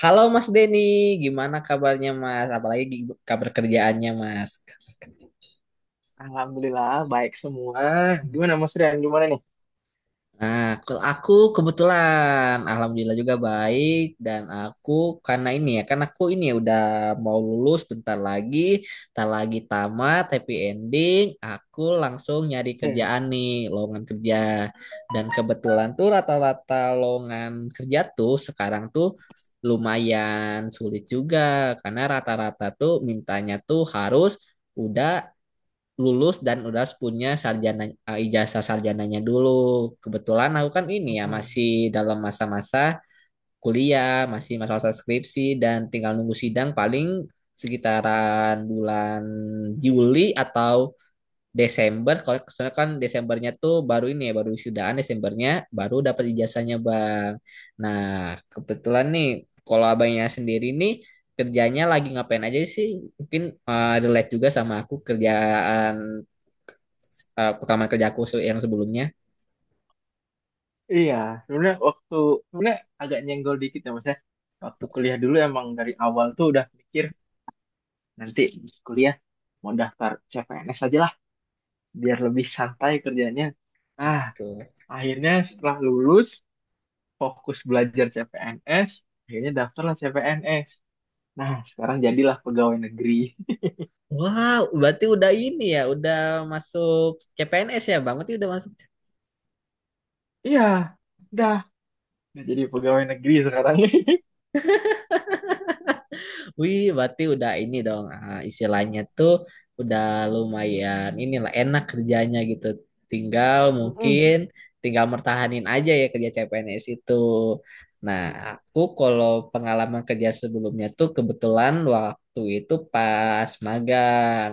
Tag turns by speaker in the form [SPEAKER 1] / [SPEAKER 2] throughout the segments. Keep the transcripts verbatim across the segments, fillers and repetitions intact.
[SPEAKER 1] Halo Mas Denny, gimana kabarnya Mas? Apalagi gi- kabar kerjaannya Mas?
[SPEAKER 2] Alhamdulillah baik semua. Gimana Mas Rian? Gimana nih?
[SPEAKER 1] Nah, kalau aku kebetulan, alhamdulillah juga baik dan aku karena ini ya, karena aku ini ya udah mau lulus bentar lagi, tak lagi tamat, happy ending, aku langsung nyari
[SPEAKER 2] Hmm.
[SPEAKER 1] kerjaan nih, lowongan kerja. Dan kebetulan tuh rata-rata lowongan kerja tuh sekarang tuh lumayan sulit juga karena rata-rata tuh mintanya tuh harus udah lulus dan udah punya sarjana eh, ijazah sarjananya dulu. Kebetulan aku kan ini ya
[SPEAKER 2] Mm-mm.
[SPEAKER 1] masih dalam masa-masa kuliah, masih masa-masa skripsi dan tinggal nunggu sidang paling sekitaran bulan Juli atau Desember. Kalau soalnya kan Desembernya tuh baru ini ya, baru sudahan Desembernya baru dapat ijazahnya, Bang. Nah, kebetulan nih kalau abangnya sendiri nih kerjanya lagi ngapain aja sih? Mungkin eh, relate juga sama aku kerjaan eh, pengalaman kerja se- yang sebelumnya
[SPEAKER 2] Iya, sebenarnya waktu sebenarnya agak nyenggol dikit ya Mas ya. Waktu kuliah dulu emang dari awal tuh udah mikir nanti kuliah mau daftar C P N S aja lah biar lebih santai kerjanya. Ah,
[SPEAKER 1] tuh.
[SPEAKER 2] Akhirnya setelah lulus fokus belajar C P N S, akhirnya daftarlah C P N S. Nah, sekarang jadilah pegawai negeri.
[SPEAKER 1] Wow, berarti udah ini ya, udah masuk C P N S ya, Bang? Berarti udah masuk.
[SPEAKER 2] Iya, udah, udah jadi pegawai negeri sekarang.
[SPEAKER 1] Wih, berarti udah ini dong, ah, istilahnya tuh udah lumayan inilah enak kerjanya gitu. Tinggal mungkin
[SPEAKER 2] Mm-mm.
[SPEAKER 1] tinggal mertahanin aja ya kerja C P N S itu. Nah, aku kalau pengalaman kerja sebelumnya tuh kebetulan waktu itu pas magang.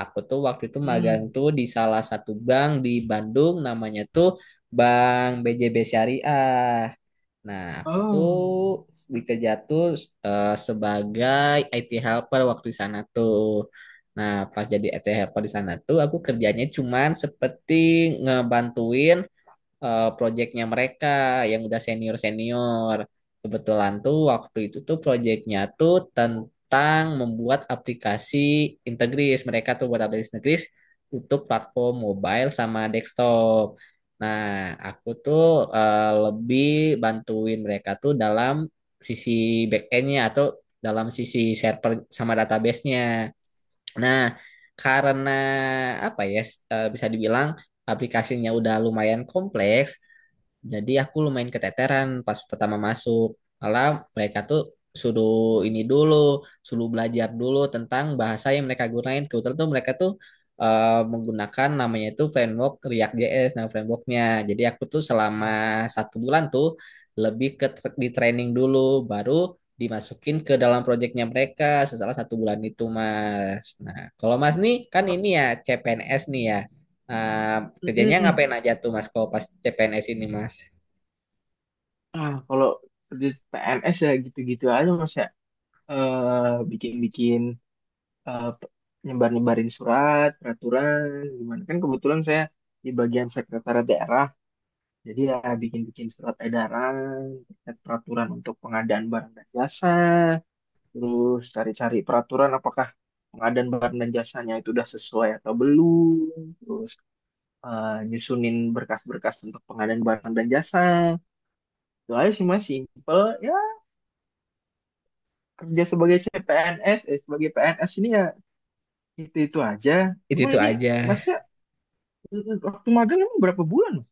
[SPEAKER 1] Aku tuh waktu itu magang
[SPEAKER 2] Hmm.
[SPEAKER 1] tuh di salah satu bank di Bandung namanya tuh Bank B J B Syariah. Nah, aku tuh
[SPEAKER 2] Oh.
[SPEAKER 1] dikerja tuh eh, sebagai I T helper waktu di sana tuh. Nah, pas jadi I T helper di sana tuh, aku kerjanya cuman seperti ngebantuin eh, proyeknya mereka yang udah senior-senior. Kebetulan tuh waktu itu tuh proyeknya tuh tentang membuat aplikasi Integris. Mereka tuh buat aplikasi Integris untuk platform mobile sama desktop. Nah, aku tuh eh, lebih bantuin mereka tuh dalam sisi backendnya atau dalam sisi server sama database-nya. Nah, karena apa ya s- eh, bisa dibilang aplikasinya udah lumayan kompleks, jadi aku lumayan keteteran pas pertama masuk. Malah mereka tuh suruh ini dulu, suruh belajar dulu tentang bahasa yang mereka gunain. Kebetulan tuh mereka tuh eh, menggunakan namanya itu framework React React.js, nah frameworknya. Jadi aku tuh selama
[SPEAKER 2] Oh.
[SPEAKER 1] satu bulan tuh lebih ke tra- di training dulu, baru dimasukin ke dalam proyeknya mereka setelah satu bulan itu, Mas. Nah, kalau Mas nih kan
[SPEAKER 2] Ma-
[SPEAKER 1] ini ya C P N S nih ya. Nah, kerjanya ngapain
[SPEAKER 2] Mm-mm.
[SPEAKER 1] aja tuh Mas kalau pas C P N S ini Mas?
[SPEAKER 2] Ah, kalau kerja P N S ya gitu-gitu aja Mas ya. Eh, bikin-bikin eh, pe- nyebar-nyebarin surat, peraturan, gimana. Kan kebetulan saya di bagian sekretariat daerah. Jadi ya bikin-bikin surat edaran, terkait peraturan untuk pengadaan barang dan jasa, terus cari-cari peraturan apakah pengadaan barang dan jasanya itu udah sesuai atau belum, terus eh, nyusunin berkas-berkas untuk pengadaan barang dan jasa. Itu aja sih mas, simple. Ya kerja sebagai C P N S, eh, sebagai P N S ini ya itu-itu aja.
[SPEAKER 1] Itu
[SPEAKER 2] Cuma
[SPEAKER 1] itu
[SPEAKER 2] ini
[SPEAKER 1] aja.
[SPEAKER 2] masnya mm, waktu magang emang berapa bulan mas?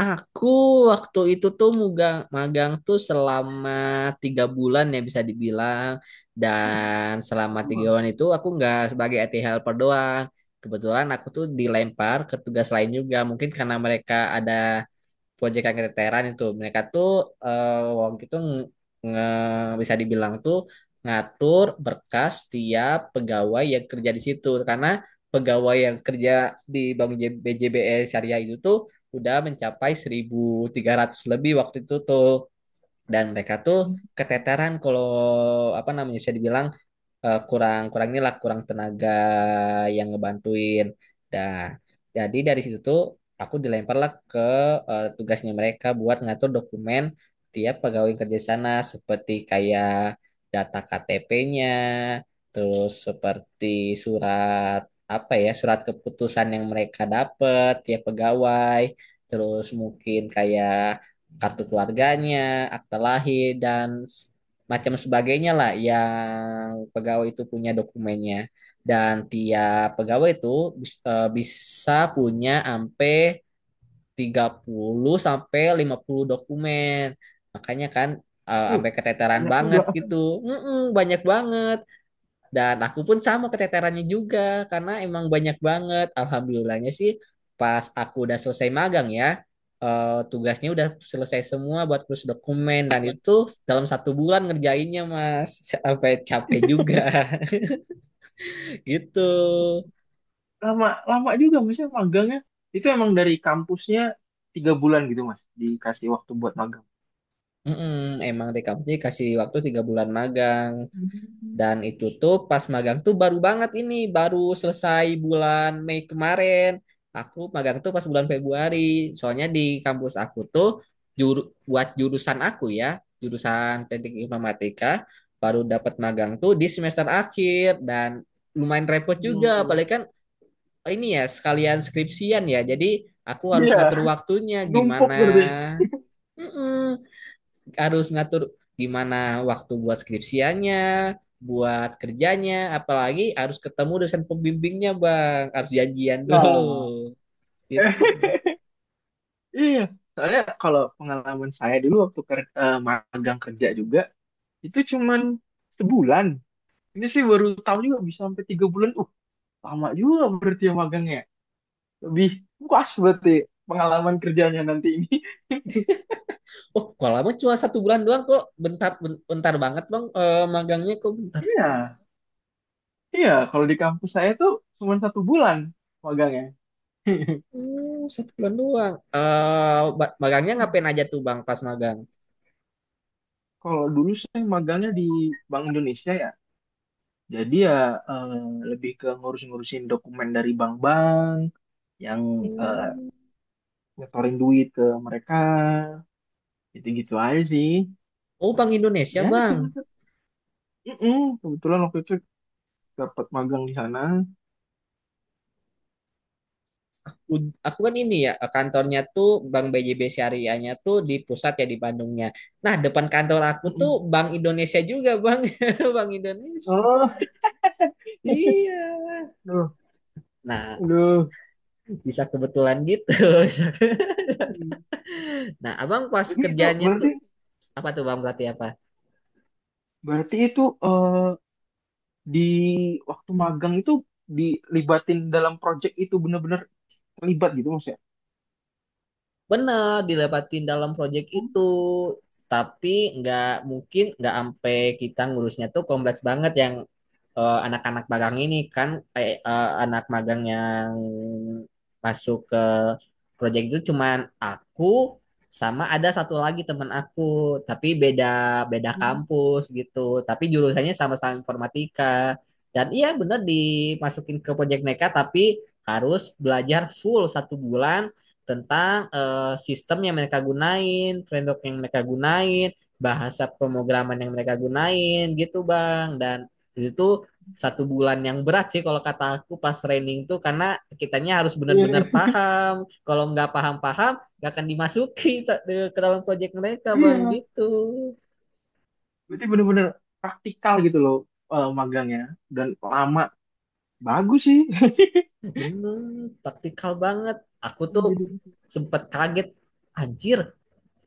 [SPEAKER 1] Aku waktu itu tuh mugang, magang tuh selama tiga bulan ya bisa dibilang.
[SPEAKER 2] Uh,
[SPEAKER 1] Dan selama tiga
[SPEAKER 2] lama.
[SPEAKER 1] bulan itu aku nggak sebagai I T helper doang. Kebetulan aku tuh dilempar ke tugas lain juga. Mungkin karena mereka ada proyek keteteran itu mereka tuh eh, waktu itu nge- nge- bisa dibilang tuh ngatur berkas tiap pegawai yang kerja di situ karena pegawai yang kerja di Bank J- B J B S Syariah itu tuh udah mencapai seribu tiga ratus lebih waktu itu tuh dan mereka tuh keteteran kalau apa namanya bisa dibilang eh, kurang kurang inilah kurang tenaga yang ngebantuin. Nah, jadi dari situ tuh aku dilemparlah ke eh, tugasnya mereka buat ngatur dokumen tiap pegawai kerja sana seperti kayak data K T P-nya, terus seperti surat apa ya surat keputusan yang mereka dapat tiap pegawai, terus mungkin kayak kartu keluarganya, akta lahir dan macam sebagainya lah yang pegawai itu punya dokumennya dan tiap pegawai itu bis- eh, bisa punya sampai tiga puluh sampai lima puluh dokumen. Makanya kan eh,
[SPEAKER 2] Uh,
[SPEAKER 1] sampai keteteran
[SPEAKER 2] banyak juga.
[SPEAKER 1] banget gitu. Mm-mm, banyak banget. Dan aku pun sama keteterannya juga karena emang banyak banget. Alhamdulillahnya sih pas aku udah selesai magang ya, eh, tugasnya udah selesai semua buat kursus dokumen dan
[SPEAKER 2] Obat.
[SPEAKER 1] itu dalam satu bulan ngerjainnya Mas. Sampai capek juga gitu.
[SPEAKER 2] Lama, lama juga masnya magangnya. Itu emang dari kampusnya tiga bulan gitu mas, dikasih waktu buat magang.
[SPEAKER 1] Mm-mm, emang Rekap J kasih waktu tiga bulan magang.
[SPEAKER 2] Hmm.
[SPEAKER 1] Dan itu tuh pas magang tuh baru banget ini, baru selesai bulan Mei kemarin. Aku magang tuh pas bulan Februari. Soalnya di kampus aku tuh juru, buat jurusan aku ya, jurusan Teknik Informatika, baru dapat magang tuh di semester akhir dan lumayan repot juga,
[SPEAKER 2] Hmm.
[SPEAKER 1] apalagi kan oh ini ya sekalian skripsian ya. Jadi aku harus
[SPEAKER 2] Iya,
[SPEAKER 1] ngatur waktunya
[SPEAKER 2] numpuk
[SPEAKER 1] gimana.
[SPEAKER 2] berarti.
[SPEAKER 1] Mm-mm, harus ngatur gimana waktu buat skripsiannya, buat kerjanya, apalagi harus ketemu dosen pembimbingnya, Bang. Harus janjian dulu.
[SPEAKER 2] Nah,
[SPEAKER 1] Gitu.
[SPEAKER 2] Iya, soalnya kalau pengalaman saya dulu waktu ker- eh, magang kerja juga itu cuman sebulan. Ini sih baru tahu juga bisa sampai tiga bulan. Uh, lama juga berarti ya magangnya. Lebih puas berarti pengalaman kerjanya nanti ini.
[SPEAKER 1] Oh, kalau lama cuma satu bulan doang kok. Bentar, bentar banget, Bang. Eh, magangnya kok bentar.
[SPEAKER 2] Iya, iya. Kalau di kampus saya tuh cuma satu bulan magangnya.
[SPEAKER 1] Hmm, satu bulan doang. Eh, magangnya ngapain aja tuh, Bang, pas magang?
[SPEAKER 2] Kalau dulu saya magangnya di Bank Indonesia ya. Jadi ya eh, lebih ke ngurus-ngurusin dokumen dari bank-bank yang eh,
[SPEAKER 1] Hmm.
[SPEAKER 2] nyetorin duit ke mereka gitu-gitu aja sih
[SPEAKER 1] Oh, Bang Indonesia,
[SPEAKER 2] ya cuma
[SPEAKER 1] Bang.
[SPEAKER 2] mm kebetulan waktu itu dapat magang di sana.
[SPEAKER 1] Ud- aku kan ini ya kantornya tuh Bank B J B Syariahnya tuh di pusat ya di Bandungnya. Nah, depan kantor aku tuh
[SPEAKER 2] Mm-mm.
[SPEAKER 1] Bank Indonesia juga, Bang. Bank Indonesia.
[SPEAKER 2] Oh.
[SPEAKER 1] Iya.
[SPEAKER 2] Aduh.
[SPEAKER 1] Nah,
[SPEAKER 2] Aduh.
[SPEAKER 1] bisa kebetulan gitu.
[SPEAKER 2] Hmm.
[SPEAKER 1] Nah, Abang pas
[SPEAKER 2] Jadi itu
[SPEAKER 1] kerjanya
[SPEAKER 2] berarti,
[SPEAKER 1] tuh apa tuh Bang, berarti apa?
[SPEAKER 2] berarti itu eh, di waktu magang itu dilibatin dalam project itu benar-benar terlibat gitu maksudnya.
[SPEAKER 1] Bener, dilepatin dalam proyek itu. Tapi nggak mungkin nggak sampai kita ngurusnya tuh kompleks banget yang eh, anak-anak magang ini kan eh, eh, anak magang yang masuk ke project itu cuman aku sama ada satu lagi teman aku, tapi beda beda
[SPEAKER 2] Hmm.
[SPEAKER 1] kampus gitu. Tapi jurusannya sama-sama informatika. Dan iya bener dimasukin ke project mereka, tapi harus belajar full satu bulan tentang eh, sistem yang mereka gunain, framework yang mereka gunain, bahasa pemrograman yang mereka gunain gitu Bang. Dan itu satu bulan yang berat sih kalau kata aku pas training tuh karena kitanya harus benar-benar
[SPEAKER 2] Iya,
[SPEAKER 1] paham kalau nggak paham-paham nggak akan dimasuki ke dalam proyek mereka bang
[SPEAKER 2] iya,
[SPEAKER 1] gitu.
[SPEAKER 2] berarti benar-benar praktikal gitu loh eh, magangnya, dan lama, bagus sih.
[SPEAKER 1] Bener, praktikal banget, aku tuh
[SPEAKER 2] Jadi-
[SPEAKER 1] sempat kaget anjir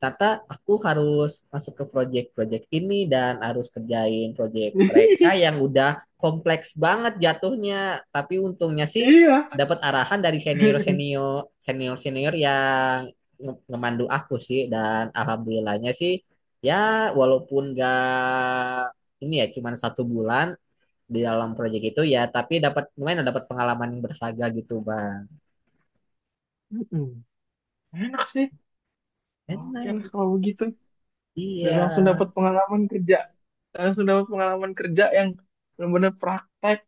[SPEAKER 1] ternyata aku harus masuk ke project-project ini dan harus kerjain project mereka yang udah kompleks banget jatuhnya. Tapi untungnya sih
[SPEAKER 2] Iya,
[SPEAKER 1] dapat arahan dari senior-senior senior-senior yang nge- ngemandu aku sih dan alhamdulillahnya sih ya walaupun gak ini ya cuman satu bulan di dalam proyek itu ya, tapi dapat lumayan dapat pengalaman yang berharga gitu bang.
[SPEAKER 2] Mm-mm. Enak sih. Oke
[SPEAKER 1] Enak.
[SPEAKER 2] lah kalau begitu. Dan
[SPEAKER 1] Iya.
[SPEAKER 2] langsung dapat pengalaman kerja. Langsung dapat pengalaman kerja yang benar-benar praktek.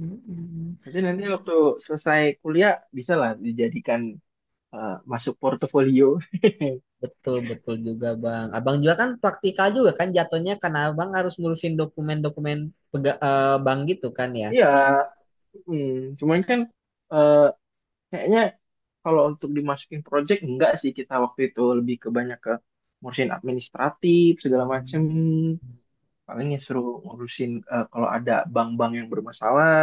[SPEAKER 1] Mm-mm.
[SPEAKER 2] Nanti nanti waktu selesai kuliah bisa lah dijadikan eh, masuk portofolio.
[SPEAKER 1] Betul, betul juga Bang. Abang juga kan praktikal juga kan jatuhnya karena Abang harus ngurusin dokumen-dokumen pega- eh, bank gitu kan ya.
[SPEAKER 2] Iya. mm. Cuman kan eh, kayaknya kalau untuk dimasukin project enggak sih, kita waktu itu lebih ke banyak ke ngurusin administratif segala macem.
[SPEAKER 1] Hmm.
[SPEAKER 2] Paling ya suruh ngurusin eh, kalau ada bank-bank yang bermasalah.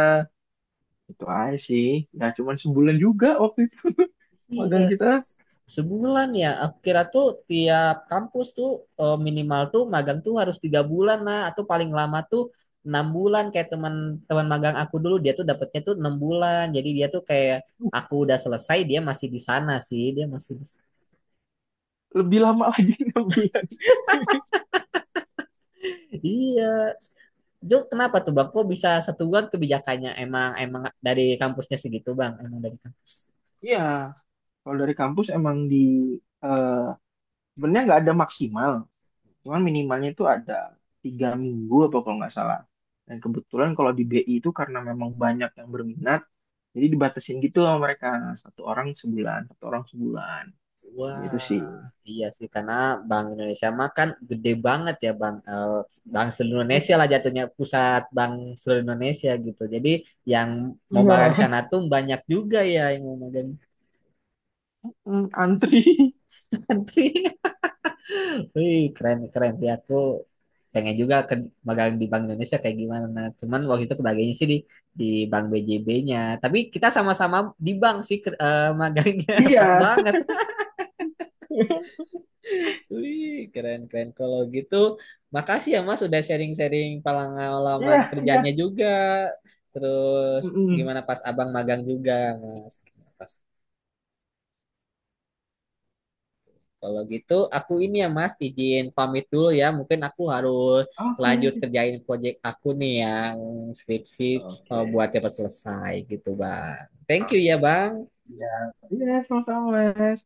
[SPEAKER 2] Itu aja sih. Nggak cuma sebulan juga waktu itu. Magang
[SPEAKER 1] Yes.
[SPEAKER 2] kita
[SPEAKER 1] Sebulan ya. Aku kira tuh tiap kampus tuh eh, minimal tuh magang tuh harus tiga bulan lah atau paling lama tuh enam bulan kayak teman-teman magang aku dulu dia tuh dapatnya tuh enam bulan. Jadi dia tuh kayak aku udah selesai dia masih di sana sih dia masih di...
[SPEAKER 2] lebih lama lagi, enam bulan.
[SPEAKER 1] Iya. Itu kenapa tuh bang? Kok bisa satu bulan kebijakannya emang emang dari kampusnya segitu bang? Emang dari kampus.
[SPEAKER 2] Iya, kalau dari kampus emang di eh, sebenarnya nggak ada maksimal, cuman minimalnya itu ada tiga minggu apa kalau nggak salah. Dan kebetulan kalau di B I itu karena memang banyak yang berminat, jadi dibatasin gitu sama mereka, satu orang sebulan, satu orang sebulan. Gitu
[SPEAKER 1] Wah,
[SPEAKER 2] sih.
[SPEAKER 1] iya sih karena Bank Indonesia mah kan gede banget ya bang. Eh, bank seluruh Indonesia
[SPEAKER 2] I-
[SPEAKER 1] lah jatuhnya pusat bank seluruh Indonesia gitu. Jadi yang mau
[SPEAKER 2] Iya,
[SPEAKER 1] magang sana tuh banyak juga ya yang mau magang
[SPEAKER 2] Hmm, antri.
[SPEAKER 1] di country. Wih, keren keren sih aku pengen juga ke magang di Bank Indonesia kayak gimana. Nah, cuman waktu itu kebagiannya sih di di Bank B J B-nya. Tapi kita sama-sama di bank sih ke- eh, magangnya pas
[SPEAKER 2] Iya,
[SPEAKER 1] banget. Wih, keren keren. Kalau gitu, makasih ya Mas udah sharing-sharing
[SPEAKER 2] iya,
[SPEAKER 1] pengalaman kerjanya
[SPEAKER 2] iya.
[SPEAKER 1] juga. Terus
[SPEAKER 2] Mm-mm.
[SPEAKER 1] gimana pas Abang magang juga, Mas. Pas. Kalau gitu aku ini ya Mas izin pamit dulu ya. Mungkin aku harus lanjut
[SPEAKER 2] Oke.
[SPEAKER 1] kerjain proyek aku nih yang skripsi eh,
[SPEAKER 2] Oke.
[SPEAKER 1] buat cepat selesai gitu Bang. Thank you ya
[SPEAKER 2] Oke.
[SPEAKER 1] Bang.
[SPEAKER 2] Ya, iya sama-sama, Mas.